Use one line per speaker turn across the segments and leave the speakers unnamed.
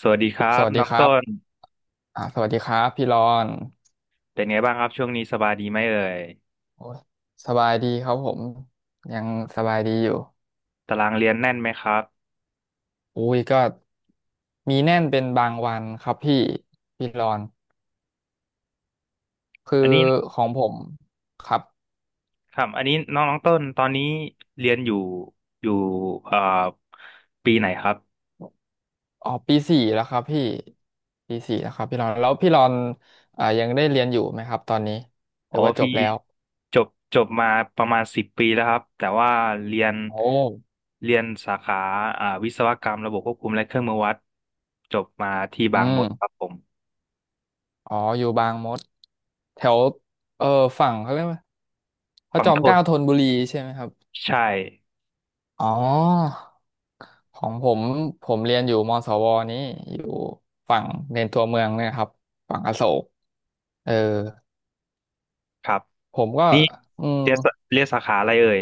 สวัสดีครั
ส
บ
วัส
น้
ดี
อง
ครั
ต้
บ
น
สวัสดีครับพี่รอน
เป็นไงบ้างครับช่วงนี้สบายดีไหมเอ่ย
โอ้ยสบายดีครับผม ยังสบายดีอยู่
ตารางเรียนแน่นไหมครับ
อุ้ยก็มีแน่นเป็นบางวันครับพี่พี่รอนคื
อัน
อ
นี้
ของผมครับ
ครับอันนี้น้องน้องต้นตอนนี้เรียนอยู่เอ่อปีไหนครับ
อ๋อปีสี่แล้วครับพี่ปีสี่แล้วครับพี่รอนแล้วพี่รอนยังได้เรียนอยู่ไหมครับตอนนี้ห
โอ้
รือว่าจ
พี่
บแล้ว
จบจบมาประมาณสิบปีแล้วครับแต่ว่าเรียน
โอ้
เรียนสาขาวิศวกรรมระบบควบคุมและเครื่องมือวัดจบมาที่
อื
บางมดครับ
ม
ผม
อ๋ออยู่บางมดแถวเออฝั่งเขาเรียกว่าพระ
ฝั่
จ
ง
อม
ท
เก
น
ล้าธนบุรีใช่ไหมครับ
ใช่
อ๋อของผมผมเรียนอยู่มศวนี้อยู่ฝั่งในตัวเมืองเนี่ยครับฝั่งอโศกเออ
ครับ
ผมก็
นี่
อืม
เรียนสาขาอะไรเอ่ย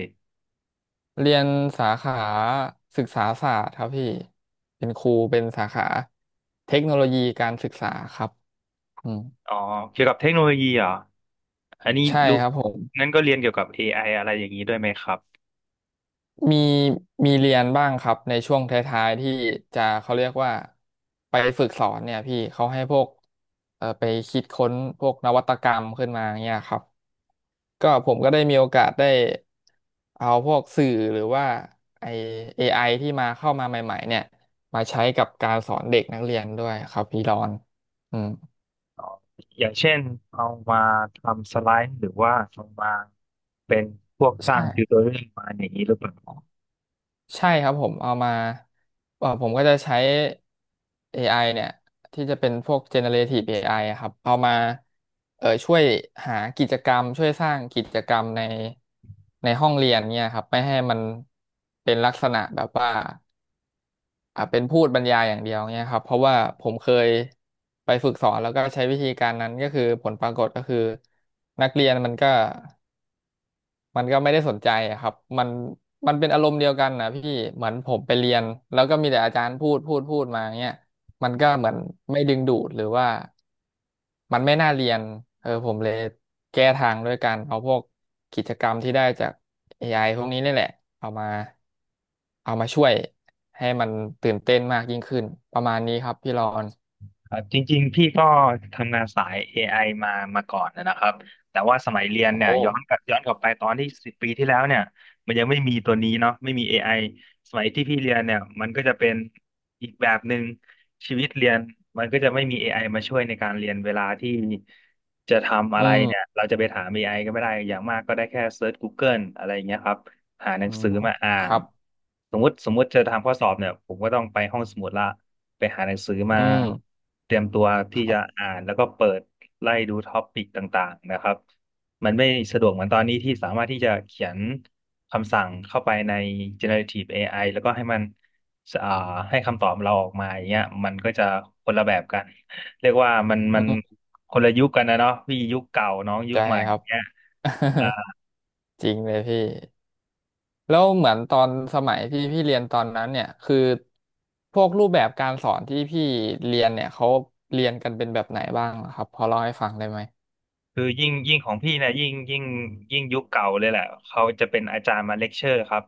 เรียนสาขาศึกษาศาสตร์ครับพี่เป็นครูเป็นสาขาเทคโนโลยีการศึกษาครับอืม
อ๋อเกี่ยวกับเทคโนโลยีเหรออันนี้
ใช่
รู้
ครับผม
งั้นก็เรียนเกี่ยวกับ AI อไออะไรอย่างนี้ด้วยไหมครับ
มีมีเรียนบ้างครับในช่วงท้ายๆที่จะเขาเรียกว่าไปฝึกสอนเนี่ยพี่เขาให้พวกไปคิดค้นพวกนวัตกรรมขึ้นมาเนี่ยครับก็ผมก็ได้มีโอกาสได้เอาพวกสื่อหรือว่าไอ AI ที่มาเข้ามาใหม่ๆเนี่ยมาใช้กับการสอนเด็กนักเรียนด้วยครับพี่รอนอืม
อ๋ออย่างเช่นเอามาทำสไลด์หรือว่าเอามาเป็นพวกสร้า
ใช่
งติวโตเรียลมาอย่างนี้หรือเปล่า
ใช่ครับผมเอามาผมก็จะใช้ AI เนี่ยที่จะเป็นพวก generative AI อไออะครับเอามาช่วยหากิจกรรมช่วยสร้างกิจกรรมในในห้องเรียนเนี่ยครับไม่ให้มันเป็นลักษณะแบบว่าอ่ะเป็นพูดบรรยายอย่างเดียวเนี่ยครับเพราะว่าผมเคยไปฝึกสอนแล้วก็ใช้วิธีการนั้นก็คือผลปรากฏก็คือนักเรียนมันก็ มันก็ไม่ได้สนใจอะครับมันมันเป็นอารมณ์เดียวกันนะพี่เหมือนผมไปเรียนแล้วก็มีแต่อาจารย์พูดพูดพูดมาเงี้ยมันก็เหมือนไม่ดึงดูดหรือว่ามันไม่น่าเรียนเออผมเลยแก้ทางด้วยการเอาพวกกิจกรรมที่ได้จาก AI พวกนี้นี่แหละเอามาเอามาช่วยให้มันตื่นเต้นมากยิ่งขึ้นประมาณนี้ครับพี่รอน
ครับจริงๆพี่ก็ทำงานสาย AI มามาก่อนนะครับแต่ว่าสมัยเรียน
โอ้
เนี่ยย้อนกลับไปตอนที่สิบปีที่แล้วเนี่ยมันยังไม่มีตัวนี้เนาะไม่มี AI สมัยที่พี่เรียนเนี่ยมันก็จะเป็นอีกแบบหนึ่งชีวิตเรียนมันก็จะไม่มี AI มาช่วยในการเรียนเวลาที่จะทำอะ
อื
ไรเนี่ย
ม
เราจะไปถาม AI ก็ไม่ได้อย่างมากก็ได้แค่เซิร์ช Google อะไรอย่างเงี้ยครับ หาหนั
อื
ง
ม
สือมาอ่า
ค
น
รับ
สมมติจะทำข้อสอบเนี่ยผมก็ต้องไปห้องสมุดละไปหาหนังสือมา
อืม
เตรียมตัว
ค
ที่
รั
จะ
บ
อ่านแล้วก็เปิดไล่ดูท็อปิกต่างๆนะครับมันไม่สะดวกเหมือนตอนนี้ที่สามารถที่จะเขียนคำสั่งเข้าไปใน generative AI แล้วก็ให้มันอ่าให้คำตอบเราออกมาอย่างเงี้ยมันก็จะคนละแบบกันเรียกว่ามัน
อื
มัน
ม
คนละยุคกันนะเนาะพี่ยุคเก่าน้องยุ
ใจ
คใหม่
ค
อ
รับ
ย่างเงี้ย
จริงเลยพี่แล้วเหมือนตอนสมัยที่พี่เรียนตอนนั้นเนี่ยคือพวกรูปแบบการสอนที่พี่เรียนเนี่ยเขาเรียนกันเป็นแบบไหนบ้างเหรอครับพอเล่าให้ฟังได้ไหม
คือยิ่งของพี่เนี่ยยิ่งยุคเก่าเลยแหละเขาจะเป็นอาจารย์มาเลคเชอร์ครับ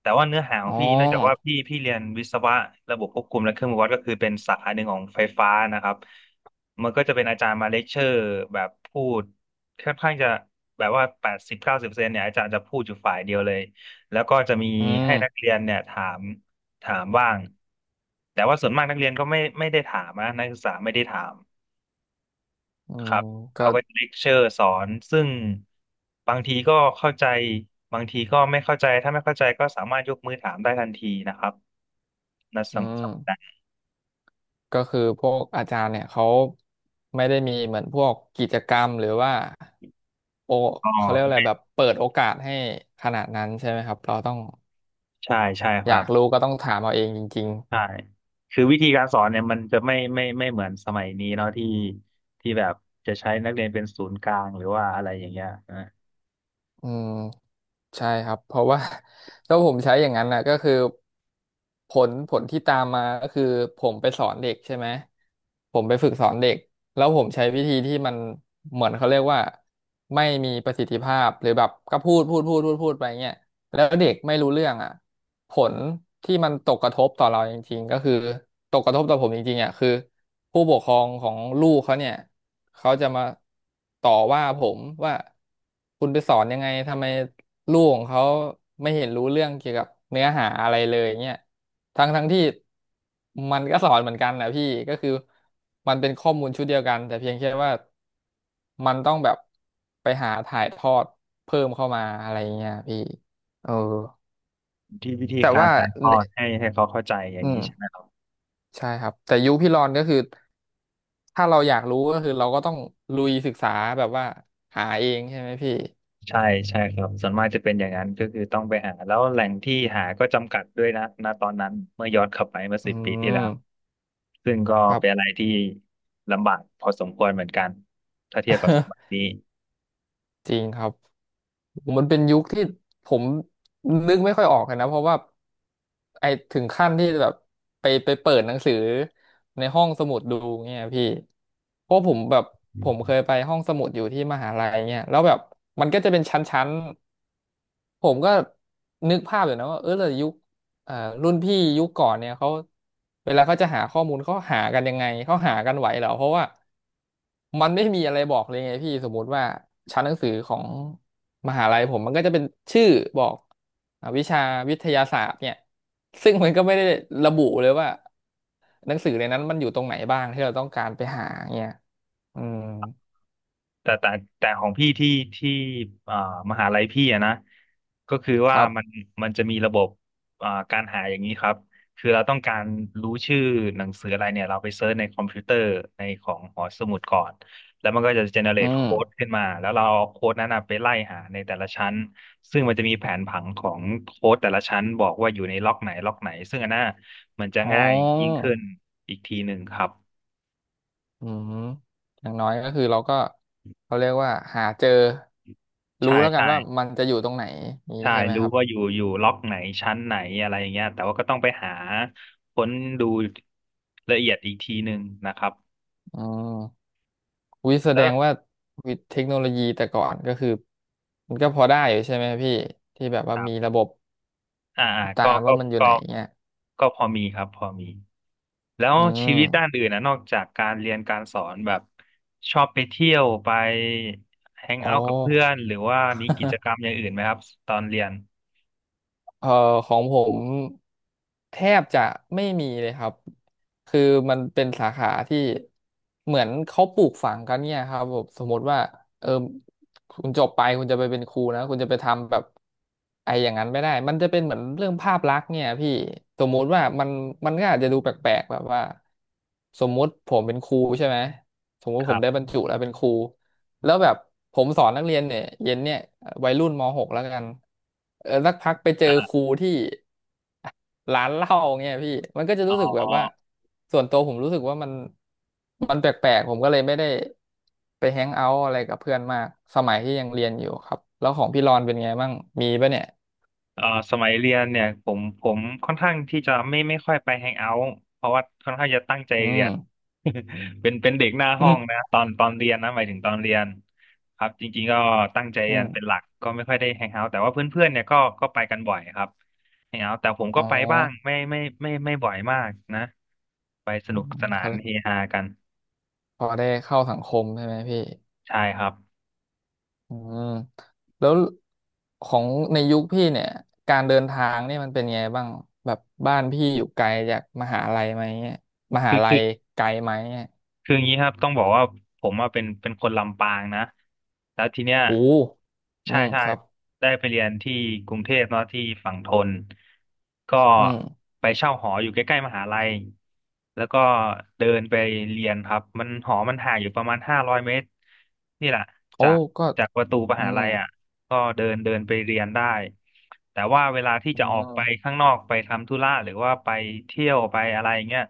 แต่ว่าเนื้อหาขอ
อ๋
ง
อ
พี่เนื่องจากว่าพี่เรียนวิศวะระบบควบคุมและเครื่องมือวัดก็คือเป็นสาขาหนึ่งของไฟฟ้านะครับมันก็จะเป็นอาจารย์มาเลคเชอร์แบบพูดค่อนข้างจะแบบว่า80-90%เนี่ยอาจารย์จะพูดอยู่ฝ่ายเดียวเลยแล้วก็จะมี
อื
ให้
ม
นักเรียนเนี่ยถามถามบ้างแต่ว่าส่วนมากนักเรียนก็ไม่ได้ถามนะนักศึกษาไม่ได้ถาม
อื
ค
ม
รับ
ก็
เขาก็จะเลคเชอร์สอนซึ่งบางทีก็เข้าใจบางทีก็ไม่เข้าใจถ้าไม่เข้าใจก็สามารถยกมือถามได้ทันทีนะครับนะ
อื
สำหรับนั้น
มก็คือพวกอาจารย์เนี่ยเขาไม่ได้มีเหมือนพวกกิจกรรมหรือว่าโอ
ก็
เขาเรียกอะไรแบบเปิดโอกาสให้ขนาดนั้นใช่ไหมครับเราต้อง
ใช่ใช่ค
อ
รั
ยา
บ
กรู้ก็ต้องถามเอาเองจริง
ใช่คือวิธีการสอนเนี่ยมันจะไม่เหมือนสมัยนี้เนาะที่ที่แบบจะใช้นักเรียนเป็นศูนย์กลางหรือว่าอะไรอย่างเงี้ยนะ
อืมใช่ครับเพราะว่า ถ้าผมใช้อย่างนั้นนะก็คือผลที่ตามมาก็คือผมไปสอนเด็กใช่ไหมผมไปฝึกสอนเด็กแล้วผมใช้วิธีที่มันเหมือนเขาเรียกว่าไม่มีประสิทธิภาพหรือแบบก็พูดพูดพูดพูดพูดไปเงี้ยแล้วเด็กไม่รู้เรื่องอ่ะ ผลที่มันตกกระทบต่อเราจริงๆก็คือตกกระทบต่อผมจริงๆอ่ะคือผู้ปกครองของลูกเขาเนี่ยเขาจะมาต่อว่าผมว่าคุณไปสอนยังไงทำไมลูกของเขาไม่เห็นรู้เรื่องเกี่ยวกับเนื้อหาอะไรเลยเนี่ยทั้งที่มันก็สอนเหมือนกันนะพี่ก็คือมันเป็นข้อมูลชุดเดียวกันแต่เพียงแค่ว่ามันต้องแบบไปหาถ่ายทอดเพิ่มเข้ามาอะไรเงี้ยพี่เออ
ที่วิธี
แต่
การ
ว่า
ถ่ายทอดให้เขาเข้าใจอย่า
อื
งนี้ใช่ไหม
มใช่ครับแต่ยุคพี่รอนก็คือถ้าเราอยากรู้ก็คือเราก็ต้องลุยศึกษาแบบว่าหาเองใช่ไหมพี่
ใช่ใช่ครับส่วนมากจะเป็นอย่างนั้นก็คือต้องไปหาแล้วแหล่งที่หาก็จำกัดด้วยนะณตอนนั้นเมื่อย้อนกลับไปเมื่อ
อื
สิบปีที่แล้ว
ม
ซึ่งก็
ครับ
เป็นอะไรที่ลำบากพอสมควรเหมือนกันถ้าเทียบกับสมัย นี้
จริงครับมันเป็นยุคที่ผมนึกไม่ค่อยออกเลยนะเพราะว่าไอถึงขั้นที่แบบไปเปิดหนังสือในห้องสมุดดูเงี้ยพี่เพราะผมแบบผมเคยไปห้องสมุดอยู่ที่มหาลัยเงี้ยแล้วแบบมันก็จะเป็นชั้นๆ ผมก็นึกภาพอยู่นะว่าเออแต่ยุคอ่ารุ่นพี่ยุคก่อนเนี่ยเขาเวลาเขาจะหาข้อมูลเขาหากันยังไงเขาหากันไหวเหรอเพราะว่ามันไม่มีอะไรบอกเลยไงพี่สมมุติว่าชั้นหนังสือของมหาลัยผมมันก็จะเป็นชื่อบอกวิชาวิทยาศาสตร์เนี่ยซึ่งมันก็ไม่ได้ระบุเลยว่าหนังสือในนั้นมันอยู่ตรงไหนบ้างที่เราต้องการไปหาเนี่ยอืม
แต่แต่แต่ของพี่ที่อ่ามหาลัยพี่อะนะก็คือ
ค
ว่า
รั
มัน
บ
มันจะมีระบบการหาอย่างนี้ครับคือเราต้องการรู้ชื่อหนังสืออะไรเนี่ยเราไปเซิร์ชในคอมพิวเตอร์ในของหอสมุดก่อนแล้วมันก็จะเจเนเร
อื
ต
ม
โค้ดขึ้นมาแล้วเราเอาโค้ดนั้นนะไปไล่หาในแต่ละชั้นซึ่งมันจะมีแผนผังของโค้ดแต่ละชั้นบอกว่าอยู่ในล็อกไหนล็อกไหนซึ่งอันน่ะมันจะ
อ๋
ง่ายยิ่ง
อ
ขึ้นอีกทีหนึ่งครับ
อืมอย่างน้อยก็คือเราก็เขาเรียกว่าหาเจอ
ใช่
รู้แล้วกัน
ใช่
ว่ามันจะอยู่ตรงไหนนี้
ใช่
ใช่ไหม
รู้
ครับ
ว่าอยู่ล็อกไหนชั้นไหนอะไรอย่างเงี้ยแต่ว่าก็ต้องไปหาค้นดูละเอียดอีกทีหนึ่งนะครับ
อืมวิแส
แล้
ด
ว
งว่าวิเทคโนโลยีแต่ก่อนก็คือมันก็พอได้อยู่ใช่ไหมพี่ที่แบบว่า
ครั
มีระ
บ
บบ
อ่าอ่า
ติด
ก็
ตาม
ก็
ว่ามันอยู่
ก็
ไหนเนี่ย
ก็พอมีครับพอมีแล้ว
อื
ชีวิตด้าน
ม
อื่นนะนอกจากการเรียนการสอนแบบชอบไปเที่ยวไปแฮง
อ๋
เอาท์กับเพื่อน
อ
หรือว่ามีกิจกรรมอย่างอื่นไหมครับตอนเรียน
เอ่อของผมแทบจะไม่มีเลยครับคือมันเป็นสาขาที่เหมือนเขาปลูกฝังกันเนี่ยครับผมสมมติว่าเออคุณจบไปคุณจะไปเป็นครูนะคุณจะไปทำแบบไอ้อย่างนั้นไม่ได้มันจะเป็นเหมือนเรื่องภาพลักษณ์เนี่ยพี่สมมุติว่ามันก็อาจจะดูแปลกๆแบบว่าสมมุติผมเป็นครูใช่ไหมสมมุติ
ค
ผ
รั
มได้
บ
บรรจุแล้วเป็นครู แล้วแบบผมสอนนักเรียนเนี่ยเย็นเนี่ยวัยรุ่นม .6 แล้วกันสักพักไปเจอครูที่ ร้านเหล้าเงี้ยพี่มันก็จะ
อ๋อ
รู้สึกแบบว่าส่วนตัวผมรู้สึกว่ามันแปลกๆผมก็เลยไม่ได้ไปแฮงเอาท์อะไรกับเพื่อนมากสมัยที่ยังเรียนอยู่ครับแล้วของพี่รอนเป็นไงบ้างมีปะเนี่ย
เอ่อสมัยเรียนเนี่ยผมค่อนข้างที่จะไม่ค่อยไปแฮงเอาท์เพราะว่าค่อนข้างจะตั้งใจ
อื
เรี
ม
ยน เป็นเด็กหน้า
อื
ห้อ
ม
งนะตอนเรียนนะหมายถึงตอนเรียนครับจริงๆก็ตั้งใจ
อื
เรียน
ม
เป็นหลักก็ไม่ค่อยได้แฮงเอาท์แต่ว่าเพื่อนๆเนี่ยก็ไปกันบ่อยครับแฮงเอาท์แต่ผมก็
อ๋อ
ไปบ้างไม่บ่อยมากนะไปส
อื
นุก
ม
สนา
เขา
น
เลย
เฮฮากัน
พอได้เข้าสังคมใช่ไหมพี่
ใช่ครับ
อืมแล้วของในยุคพี่เนี่ยการเดินทางนี่มันเป็นไงบ้างแบบบ้านพี่อยู่ไกลจากมหาลัยไหมเนี่ยมหาลัยไกลไหมเนี่ย
คืออย่างนี้ครับต้องบอกว่าผมอะเป็นคนลำปางนะแล้วทีเนี้ย
โอ้อื
ใช่
ม
ใช่
ครับ
ได้ไปเรียนที่กรุงเทพเนาะที่ฝั่งธนก็
อืม
ไปเช่าหออยู่ใกล้ๆมหาลัยแล้วก็เดินไปเรียนครับมันหอมันห่างอยู่ประมาณ500 เมตรนี่แหละ
โอ้
จาก
ก็
จากประตูม
อื
หา
ม
ลัยอ่ะก็เดินเดินไปเรียนได้แต่ว่าเวลาที่
อื
จะออกไป
ม
ข้างนอกไปทำธุระหรือว่าไปเที่ยวไปอะไรเงี้ย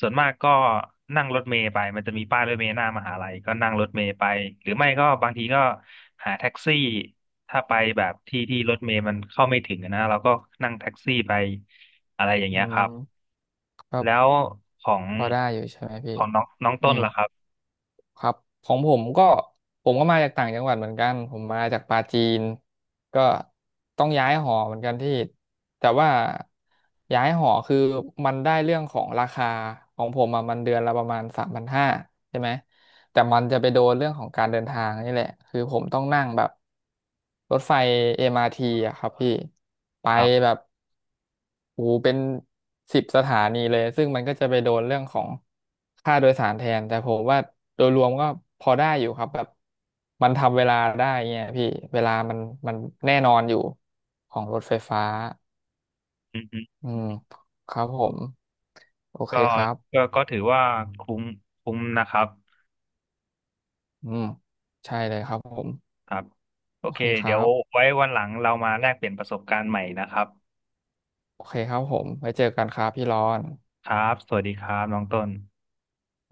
ส่วนมากก็นั่งรถเมล์ไปมันจะมีป้ายรถเมล์หน้ามหาลัยก็นั่งรถเมล์ไปหรือไม่ก็บางทีก็หาแท็กซี่ถ้าไปแบบที่รถเมล์มันเข้าไม่ถึงอะนะเราก็นั่งแท็กซี่ไปอะไรอย่างเงี้
อื
ยครับ
มครั
แล้
บ
วของ
พอได้อยู่ใช่ไหมพี่
ของน้องน้อง
อื
ต้น
ม
ล่ะครับ
ครับของผมก็ผมก็มาจากต่างจังหวัดเหมือนกันผมมาจากปาจีนก็ต้องย้ายหอเหมือนกันที่แต่ว่าย้ายหอคือมันได้เรื่องของราคาของผมอะมันเดือนละประมาณ3,500ใช่ไหม แต่มันจะไปโดนเรื่องของการเดินทางนี่แหละคือผมต้องนั่งแบบรถไฟ MRT อมอาร์ทีอะครับพี่ไป
ครับ
แบบโอ้โหเป็น10 สถานีเลยซึ่งมันก็จะไปโดนเรื่องของค่าโดยสารแทนแต่ผมว่าโดยรวมก็พอได้อยู่ครับแบบมันทำเวลาได้เงี้ยพี่เวลามันแน่นอนอยู่ของรถไฟฟ้า
อืม
อืมครับผมโอเค
ก็
ครับ
ก็ถือว่าคุ้มคุ้มนะครับ
อืมใช่เลยครับผม
ครับโอ
โอ
เค
เคค
เดี๋
รั
ยว
บ
ไว้วันหลังเรามาแลกเปลี่ยนประสบการณ์ใหม่นะครับ
โอเคครับผมไว้เจอกันครับพี่รอน
ครับสวัสดีครับน้องต้น